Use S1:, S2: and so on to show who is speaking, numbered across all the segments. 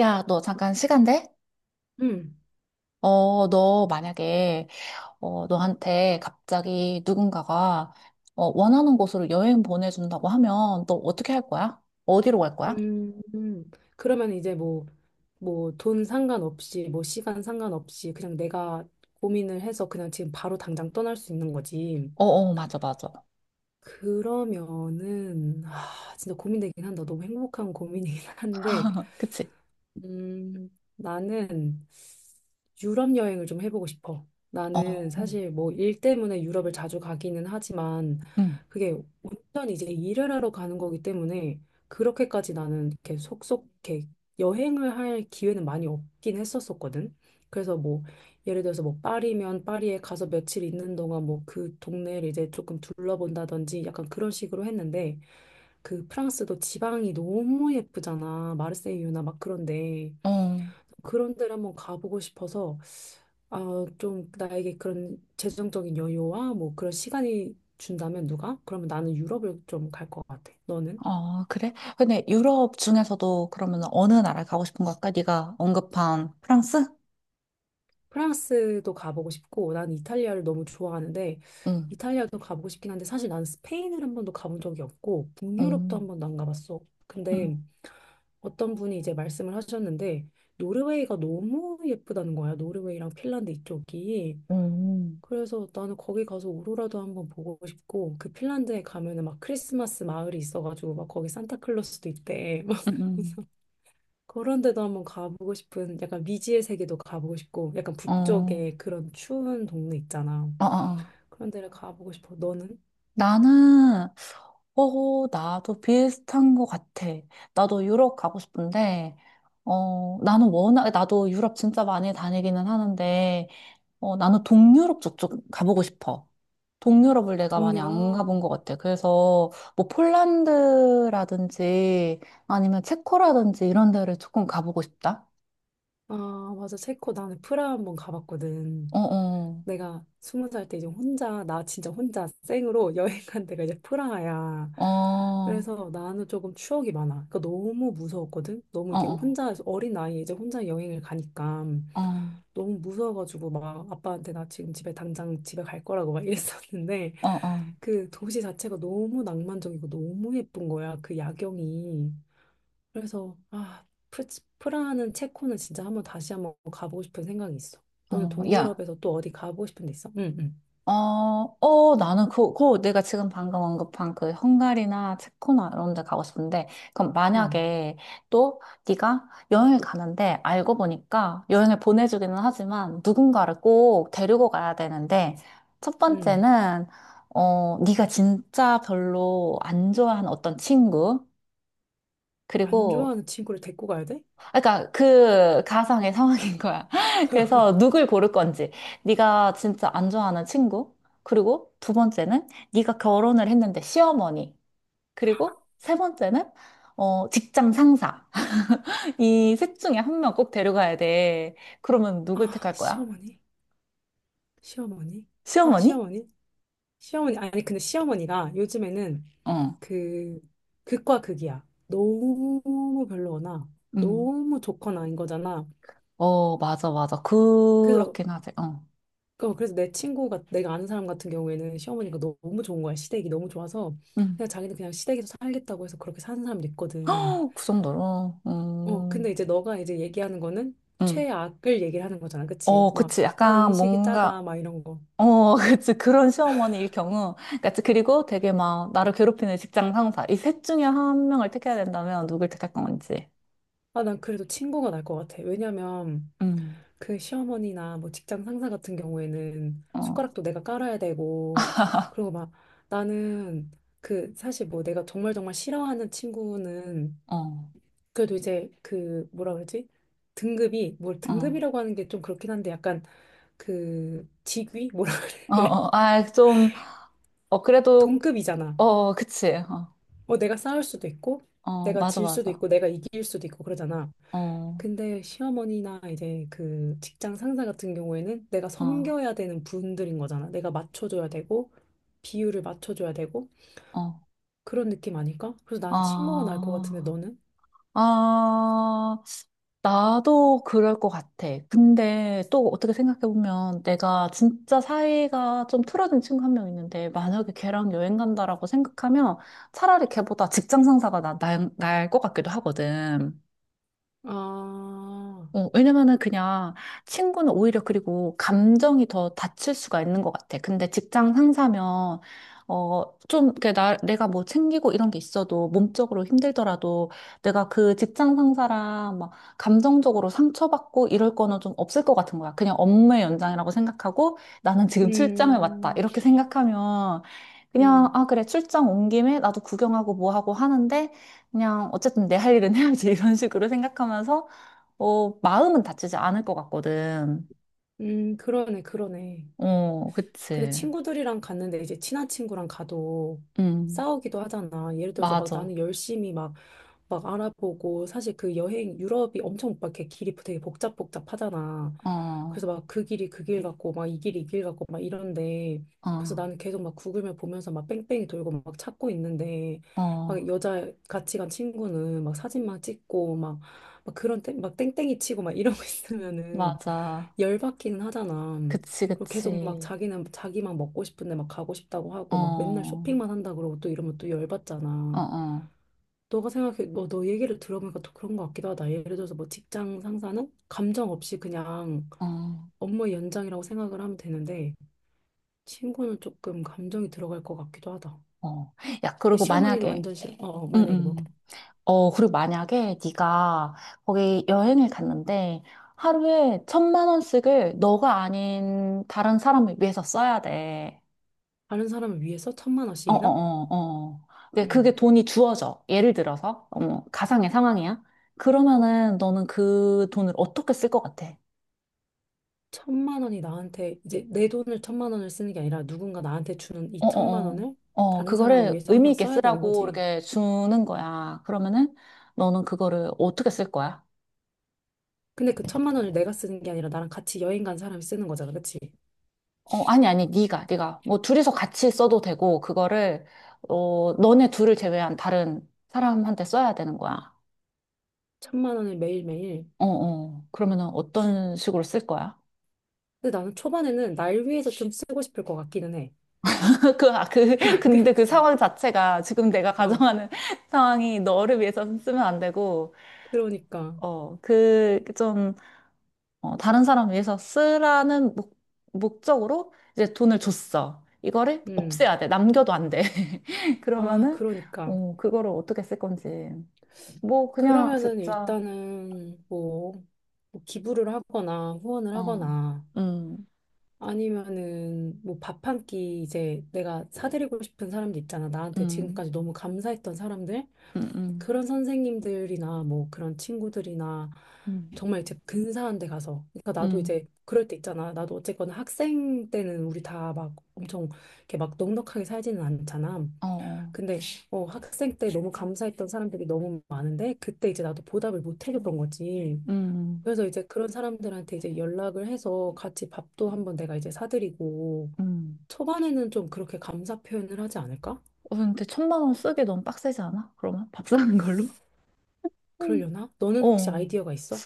S1: 야, 너 잠깐 시간 돼?
S2: 음,
S1: 어, 너 만약에, 어, 너한테 갑자기 누군가가, 어, 원하는 곳으로 여행 보내준다고 하면 너 어떻게 할 거야? 어디로 갈 거야?
S2: 음, 음. 그러면 이제 뭐, 돈 상관없이, 뭐, 시간 상관없이, 그냥 내가 고민을 해서 그냥 지금 바로 당장 떠날 수 있는 거지.
S1: 어, 어, 맞아, 맞아.
S2: 그러면은, 아, 진짜 고민되긴 한다. 너무 행복한 고민이긴 한데,
S1: 그치?
S2: 음, 나는 유럽 여행을 좀 해보고 싶어.
S1: 어,
S2: 나는 사실 뭐 일 때문에 유럽을 자주 가기는 하지만
S1: 응,
S2: 그게 완전 이제 일을 하러 가는 거기 때문에 그렇게까지 나는 이렇게 속속 이렇게 여행을 할 기회는 많이 없긴 했었었거든. 그래서 뭐 예를 들어서 뭐 파리면 파리에 가서 며칠 있는 동안 뭐 그 동네를 이제 조금 둘러본다든지 약간 그런 식으로 했는데 그 프랑스도 지방이 너무 예쁘잖아. 마르세유나 막 그런데.
S1: 어,
S2: 그런 데를 한번 가보고 싶어서 아, 좀 나에게 그런 재정적인 여유와 뭐 그런 시간이 준다면 누가? 그러면 나는 유럽을 좀 갈 것 같아. 너는?
S1: 어, 그래? 근데 유럽 중에서도 그러면 어느 나라 가고 싶은 걸까? 네가 언급한 프랑스?
S2: 프랑스도 가보고 싶고 난 이탈리아를 너무 좋아하는데
S1: 응,
S2: 이탈리아도 가보고 싶긴 한데 사실 난 스페인을 한 번도 가본 적이 없고 북유럽도
S1: 응,
S2: 한 번도 안 가봤어.
S1: 응,
S2: 근데 어떤 분이 이제 말씀을 하셨는데 노르웨이가 너무 예쁘다는 거야. 노르웨이랑 핀란드 이쪽이.
S1: 응,
S2: 그래서 나는 거기 가서 오로라도 한번 보고 싶고 그 핀란드에 가면은 막 크리스마스 마을이 있어가지고 막 거기 산타클로스도 있대. 막
S1: 응, 응,
S2: 그래서 그런 데도 한번 가보고 싶은 약간 미지의 세계도 가보고 싶고 약간
S1: 응. 어,
S2: 북쪽에 그런 추운 동네 있잖아.
S1: 어, 어.
S2: 그런 데를 가보고 싶어. 너는?
S1: 나는, 어, 나도 비슷한 것 같아. 나도 유럽 가고 싶은데, 어, 나는 워낙, 나도 유럽 진짜 많이 다니기는 하는데, 어, 나는 동유럽 저쪽 가보고 싶어. 동유럽을 내가 많이 안
S2: 동유럽?
S1: 가본 것 같아. 그래서, 뭐, 폴란드라든지, 아니면 체코라든지 이런 데를 조금 가보고 싶다.
S2: 아 맞아, 체코 나는 프라하 한번 가봤거든.
S1: 어, 어,
S2: 내가 20살 때 이제 혼자, 나 진짜 혼자 생으로 여행 간 데가 이제 프라하야.
S1: 어, 어,
S2: 그래서 나는 조금 추억이 많아. 그러니까 너무 무서웠거든? 너무 이게
S1: 어,
S2: 혼자, 어린 나이에 이제 혼자 여행을 가니까
S1: 어,
S2: 너무 무서워가지고 막 아빠한테 나 지금 집에 당장 집에 갈 거라고 막 이랬었는데
S1: 어, 어.
S2: 그 도시 자체가 너무 낭만적이고 너무 예쁜 거야. 그 야경이. 그래서 아, 프라하는, 체코는 진짜 한번, 다시 한번 가보고 싶은 생각이 있어. 너는
S1: 어, 야.
S2: 동유럽에서 또 어디 가보고 싶은 데 있어? 응, 응,
S1: 어, 어, 나는 그 내가 지금 방금 언급한 그 헝가리나 체코나 이런 데 가고 싶은데, 그럼
S2: 응,
S1: 만약에 또 네가 여행을 가는데 알고 보니까 여행을 보내주기는 하지만 누군가를 꼭 데리고 가야 되는데, 첫
S2: 응.
S1: 번째는, 어, 네가 진짜 별로 안 좋아하는 어떤 친구,
S2: 안
S1: 그리고
S2: 좋아하는 친구를 데리고 가야 돼?
S1: 아, 그러니까 그 가상의 상황인 거야. 그래서 누굴 고를 건지, 네가 진짜 안 좋아하는 친구, 그리고 두 번째는 네가 결혼을 했는데 시어머니, 그리고 세 번째는 어, 직장 상사. 이 셋 중에 한 명 꼭 데려가야 돼. 그러면 누굴
S2: 아,
S1: 택할 거야?
S2: 시어머니? 시어머니? 아,
S1: 시어머니?
S2: 시어머니? 시어머니? 아니, 근데 시어머니가 요즘에는
S1: 어,
S2: 그, 극과 극이야. 너무 별로거나,
S1: 음,
S2: 너무 좋거나인 거잖아.
S1: 어, 맞아, 맞아.
S2: 그래서
S1: 그렇긴 하지. 어,
S2: 그래서 내 친구가, 내가 아는 사람 같은 경우에는 시어머니가 너무 좋은 거야. 시댁이 너무 좋아서
S1: 음,
S2: 그냥 자기는 그냥 시댁에서 살겠다고 해서 그렇게 사는 사람도 있거든.
S1: 그 정도로,
S2: 근데 이제 너가 이제 얘기하는 거는
S1: 음.
S2: 최악을 얘기를 하는 거잖아. 그치,
S1: 어,
S2: 막
S1: 그치.
S2: 아
S1: 약간
S2: 음식이 짜다
S1: 뭔가
S2: 막 이런 거아.
S1: 어, 그치. 그런 시어머니일 경우. 그치. 그리고 되게 막, 나를 괴롭히는 직장 상사. 이 셋 중에 한 명을 택해야 된다면 누굴 택할 건지.
S2: 난 그래도 친구가 날 것 같아. 왜냐면
S1: 음,
S2: 그 시어머니나 뭐 직장 상사 같은 경우에는
S1: 어,
S2: 숟가락도 내가 깔아야 되고 그리고 막 나는 그 사실 뭐 내가 정말 정말 싫어하는 친구는
S1: 어,
S2: 그래도 이제 그 뭐라 그러지? 등급이, 뭘
S1: 어,
S2: 등급이라고 하는 게 좀 그렇긴 한데, 약간 그 직위 뭐라
S1: 어,
S2: 그래?
S1: 어, 아, 좀, 어, 그래도,
S2: 동급이잖아.
S1: 어, 그치. 어,
S2: 내가 싸울 수도 있고
S1: 어,
S2: 내가
S1: 맞아,
S2: 질 수도
S1: 맞아.
S2: 있고 내가 이길 수도 있고 그러잖아.
S1: 어,
S2: 근데 시어머니나 이제 그 직장 상사 같은 경우에는 내가
S1: 어,
S2: 섬겨야 되는 분들인 거잖아. 내가 맞춰줘야 되고 비율을 맞춰줘야 되고
S1: 어,
S2: 그런 느낌 아닐까? 그래서 나는 친구가 날 것 같은데,
S1: 아.
S2: 너는?
S1: 아, 나도 그럴 것 같아. 근데 또 어떻게 생각해보면 내가 진짜 사이가 좀 틀어진 친구 한 명 있는데 만약에 걔랑 여행 간다라고 생각하면 차라리 걔보다 직장 상사가 날것 같기도 하거든.
S2: 아,
S1: 어, 왜냐면은 그냥 친구는 오히려 그리고 감정이 더 다칠 수가 있는 것 같아. 근데 직장 상사면, 어, 좀, 그, 내가 뭐 챙기고 이런 게 있어도 몸적으로 힘들더라도 내가 그 직장 상사랑 막 감정적으로 상처받고 이럴 거는 좀 없을 것 같은 거야. 그냥 업무의 연장이라고 생각하고 나는 지금 출장을 왔다.
S2: 음,
S1: 이렇게 생각하면 그냥,
S2: 음,
S1: 아, 그래, 출장 온 김에 나도 구경하고 뭐 하고 하는데 그냥 어쨌든 내 할 일은 해야지. 이런 식으로 생각하면서 어, 마음은 다치지 않을 것 같거든.
S2: 그러네, 그러네.
S1: 어,
S2: 근데
S1: 그치.
S2: 친구들이랑 갔는데 이제 친한 친구랑 가도
S1: 음,
S2: 싸우기도 하잖아. 예를 들어서 막
S1: 맞아.
S2: 나는 열심히 막 알아보고, 사실 그 여행 유럽이 엄청 막 이렇게 길이 되게 복잡복잡하잖아.
S1: 어,
S2: 그래서 막 그 길이 그 길 같고 막 이 길이 이 길 같고 막 이런데 그래서
S1: 어,
S2: 나는 계속 막 구글맵 보면서 막 뺑뺑이 돌고 막 찾고 있는데 막
S1: 어,
S2: 여자 같이 간 친구는 막 사진만 찍고 막 그런 막 땡땡이 치고 막 이러고 있으면은
S1: 맞아.
S2: 열받기는 하잖아.
S1: 그치,
S2: 그리고 계속 막
S1: 그치.
S2: 자기는 자기만 먹고 싶은데 막 가고 싶다고
S1: 어,
S2: 하고 막 맨날
S1: 어,
S2: 쇼핑만 한다 그러고 또 이러면 또 열받잖아.
S1: 어,
S2: 너가 생각해, 너 얘기를 들어보니까 또 그런 것 같기도 하다. 예를 들어서 뭐 직장 상사는 감정 없이 그냥
S1: 어,
S2: 업무의 연장이라고 생각을 하면 되는데, 친구는 조금 감정이 들어갈 것 같기도 하다.
S1: 어. 야,
S2: 근데
S1: 그리고
S2: 시어머니는
S1: 만약에,
S2: 완전 싫어. 어, 어,
S1: 음,
S2: 만약에 뭐,
S1: 음. 어, 그리고 만약에 네가 거기 여행을 갔는데 하루에 천만 원씩을 너가 아닌 다른 사람을 위해서 써야 돼.
S2: 다른 사람을 위해서 천만
S1: 어, 어,
S2: 원씩이나?
S1: 어, 어. 근데
S2: 음
S1: 그게 돈이 주어져. 예를 들어서, 어, 가상의 상황이야. 그러면은 너는 그 돈을 어떻게 쓸 것 같아?
S2: 1,000만 원이 나한테, 이제 내 돈을 1,000만 원을 쓰는 게 아니라 누군가 나한테 주는
S1: 어,
S2: 이
S1: 어,
S2: 천만
S1: 어.
S2: 원을
S1: 어,
S2: 다른 사람을
S1: 그거를
S2: 위해서
S1: 의미
S2: 항상
S1: 있게
S2: 써야 되는
S1: 쓰라고
S2: 거지.
S1: 이렇게 주는 거야. 그러면은 너는 그거를 어떻게 쓸 거야?
S2: 근데 그 1,000만 원을 내가 쓰는 게 아니라 나랑 같이 여행 간 사람이 쓰는 거잖아. 그치?
S1: 어, 아니, 아니, 네가, 네가. 뭐 둘이서 같이 써도 되고, 그거를, 어, 너네 둘을 제외한 다른 사람한테 써야 되는 거야.
S2: 1,000만 원을 매일매일
S1: 어, 어. 그러면은 어떤 식으로 쓸 거야?
S2: 근데 나는 초반에는 날 위해서 좀 쓰고 싶을 것 같기는 해.
S1: 근데 그 상황 자체가 지금 내가
S2: 어,
S1: 가정하는 상황이 너를 위해서 쓰면 안 되고,
S2: 그러니까.
S1: 어, 그 좀, 어, 다른 사람 위해서 쓰라는 목적으로 이제 돈을 줬어. 이거를
S2: 음.
S1: 없애야 돼. 남겨도 안 돼.
S2: 아,
S1: 그러면은,
S2: 그러니까.
S1: 어, 그거를 어떻게 쓸 건지. 뭐, 그냥
S2: 그러면은
S1: 진짜,
S2: 일단은 뭐, 기부를 하거나 후원을
S1: 어,
S2: 하거나
S1: 음,
S2: 아니면은 뭐 밥 한 끼 이제 내가 사드리고 싶은 사람들 있잖아. 나한테
S1: 음,
S2: 지금까지 너무 감사했던 사람들.
S1: 음, 음,
S2: 그런 선생님들이나 뭐 그런 친구들이나
S1: 음,
S2: 정말 이제 근사한 데 가서. 그러니까 나도 이제
S1: 음,
S2: 그럴 때 있잖아. 나도 어쨌거나 학생 때는 우리 다 막 엄청 이렇게 막 넉넉하게 살지는 않잖아.
S1: 어, 어,
S2: 근데 학생 때 너무 감사했던 사람들이 너무 많은데 그때 이제 나도 보답을 못 해줬던 거지.
S1: 음,
S2: 그래서 이제 그런 사람들한테 이제 연락을 해서 같이 밥도 한번 내가 이제 사드리고
S1: 음.
S2: 초반에는 좀 그렇게 감사 표현을 하지 않을까?
S1: 어, 근데 1,000만 원 쓰기 너무 빡세지 않아? 그러면 밥 사는 걸로? 음.
S2: 그러려나? 너는 혹시
S1: 어.
S2: 아이디어가 있어?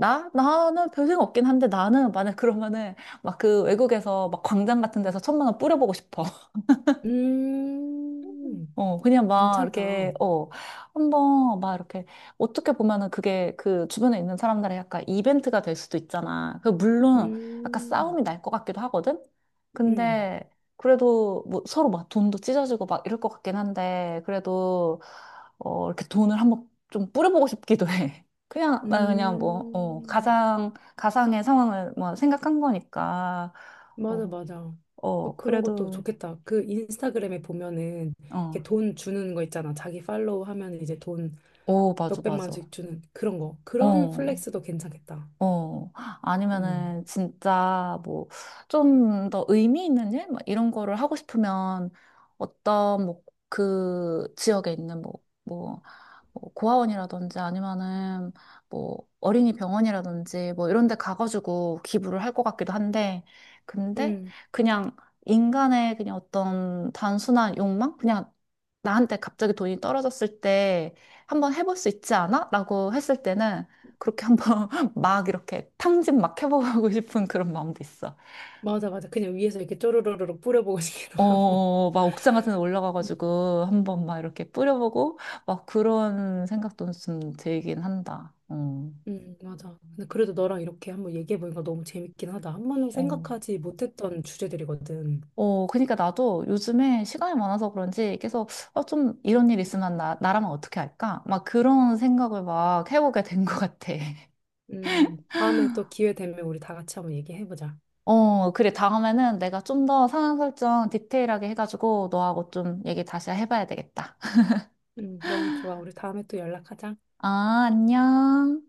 S1: 나? 나는 별 생각 없긴 한데 나는 만약 그러면은 막 그 외국에서 막 광장 같은 데서 1,000만 원 뿌려보고 싶어.
S2: 음,
S1: 어, 그냥 막
S2: 괜찮다.
S1: 이렇게, 어, 한번 막 이렇게, 어떻게 보면은 그게 그 주변에 있는 사람들의 약간 이벤트가 될 수도 있잖아. 그 물론 약간
S2: 음,
S1: 싸움이 날 것 같기도 하거든?
S2: 음,
S1: 근데 그래도 뭐 서로 막 돈도 찢어지고 막 이럴 것 같긴 한데, 그래도, 어, 이렇게 돈을 한번 좀 뿌려보고 싶기도 해. 그냥, 나 그냥 뭐, 어,
S2: 음,
S1: 가상의 상황을 뭐 생각한 거니까,
S2: 맞아,
S1: 어,
S2: 맞아. 뭐
S1: 어,
S2: 그런 것도
S1: 그래도,
S2: 좋겠다. 그 인스타그램에 보면은
S1: 어,
S2: 이렇게 돈 주는 거 있잖아. 자기 팔로우 하면 이제 돈
S1: 오, 맞아,
S2: 몇백만
S1: 맞아.
S2: 원씩 주는 그런 거. 그런
S1: 어.
S2: 플렉스도 괜찮겠다.
S1: 어,
S2: 음,
S1: 아니면은 진짜 뭐 좀 더 의미 있는 일? 막 이런 거를 하고 싶으면 어떤 뭐 그 지역에 있는 뭐뭐 뭐 고아원이라든지 아니면은 뭐 어린이 병원이라든지 뭐 이런 데 가가지고 기부를 할 것 같기도 한데 근데
S2: 음,
S1: 그냥 인간의 그냥 어떤 단순한 욕망? 그냥 나한테 갑자기 돈이 떨어졌을 때 한번 해볼 수 있지 않아? 라고 했을 때는 그렇게 한번 막 이렇게 탕진 막 해보고 싶은 그런 마음도 있어.
S2: 맞아, 맞아. 그냥 위에서 이렇게 쪼르르르 뿌려보고 싶기도 하고.
S1: 어, 막 옥상 같은 데
S2: 음,
S1: 올라가가지고 한번 막 이렇게 뿌려보고 막 그런 생각도 좀 들긴 한다. 어.
S2: 맞아. 근데 그래도 너랑 이렇게 한번 얘기해보니까 너무 재밌긴 하다. 한 번도
S1: 어,
S2: 생각하지 못했던 주제들이거든.
S1: 어, 그러니까 나도 요즘에 시간이 많아서 그런지 계속 어, 좀 이런 일 있으면 나라면 어떻게 할까? 막 그런 생각을 막 해보게 된 것 같아.
S2: 다음에 또 기회 되면 우리 다 같이 한번 얘기해보자.
S1: 어, 그래. 다음에는 내가 좀 더 상황 설정 디테일하게 해가지고 너하고 좀 얘기 다시 해봐야 되겠다.
S2: 너무 좋아. 우리 다음에 또 연락하자.
S1: 아, 안녕.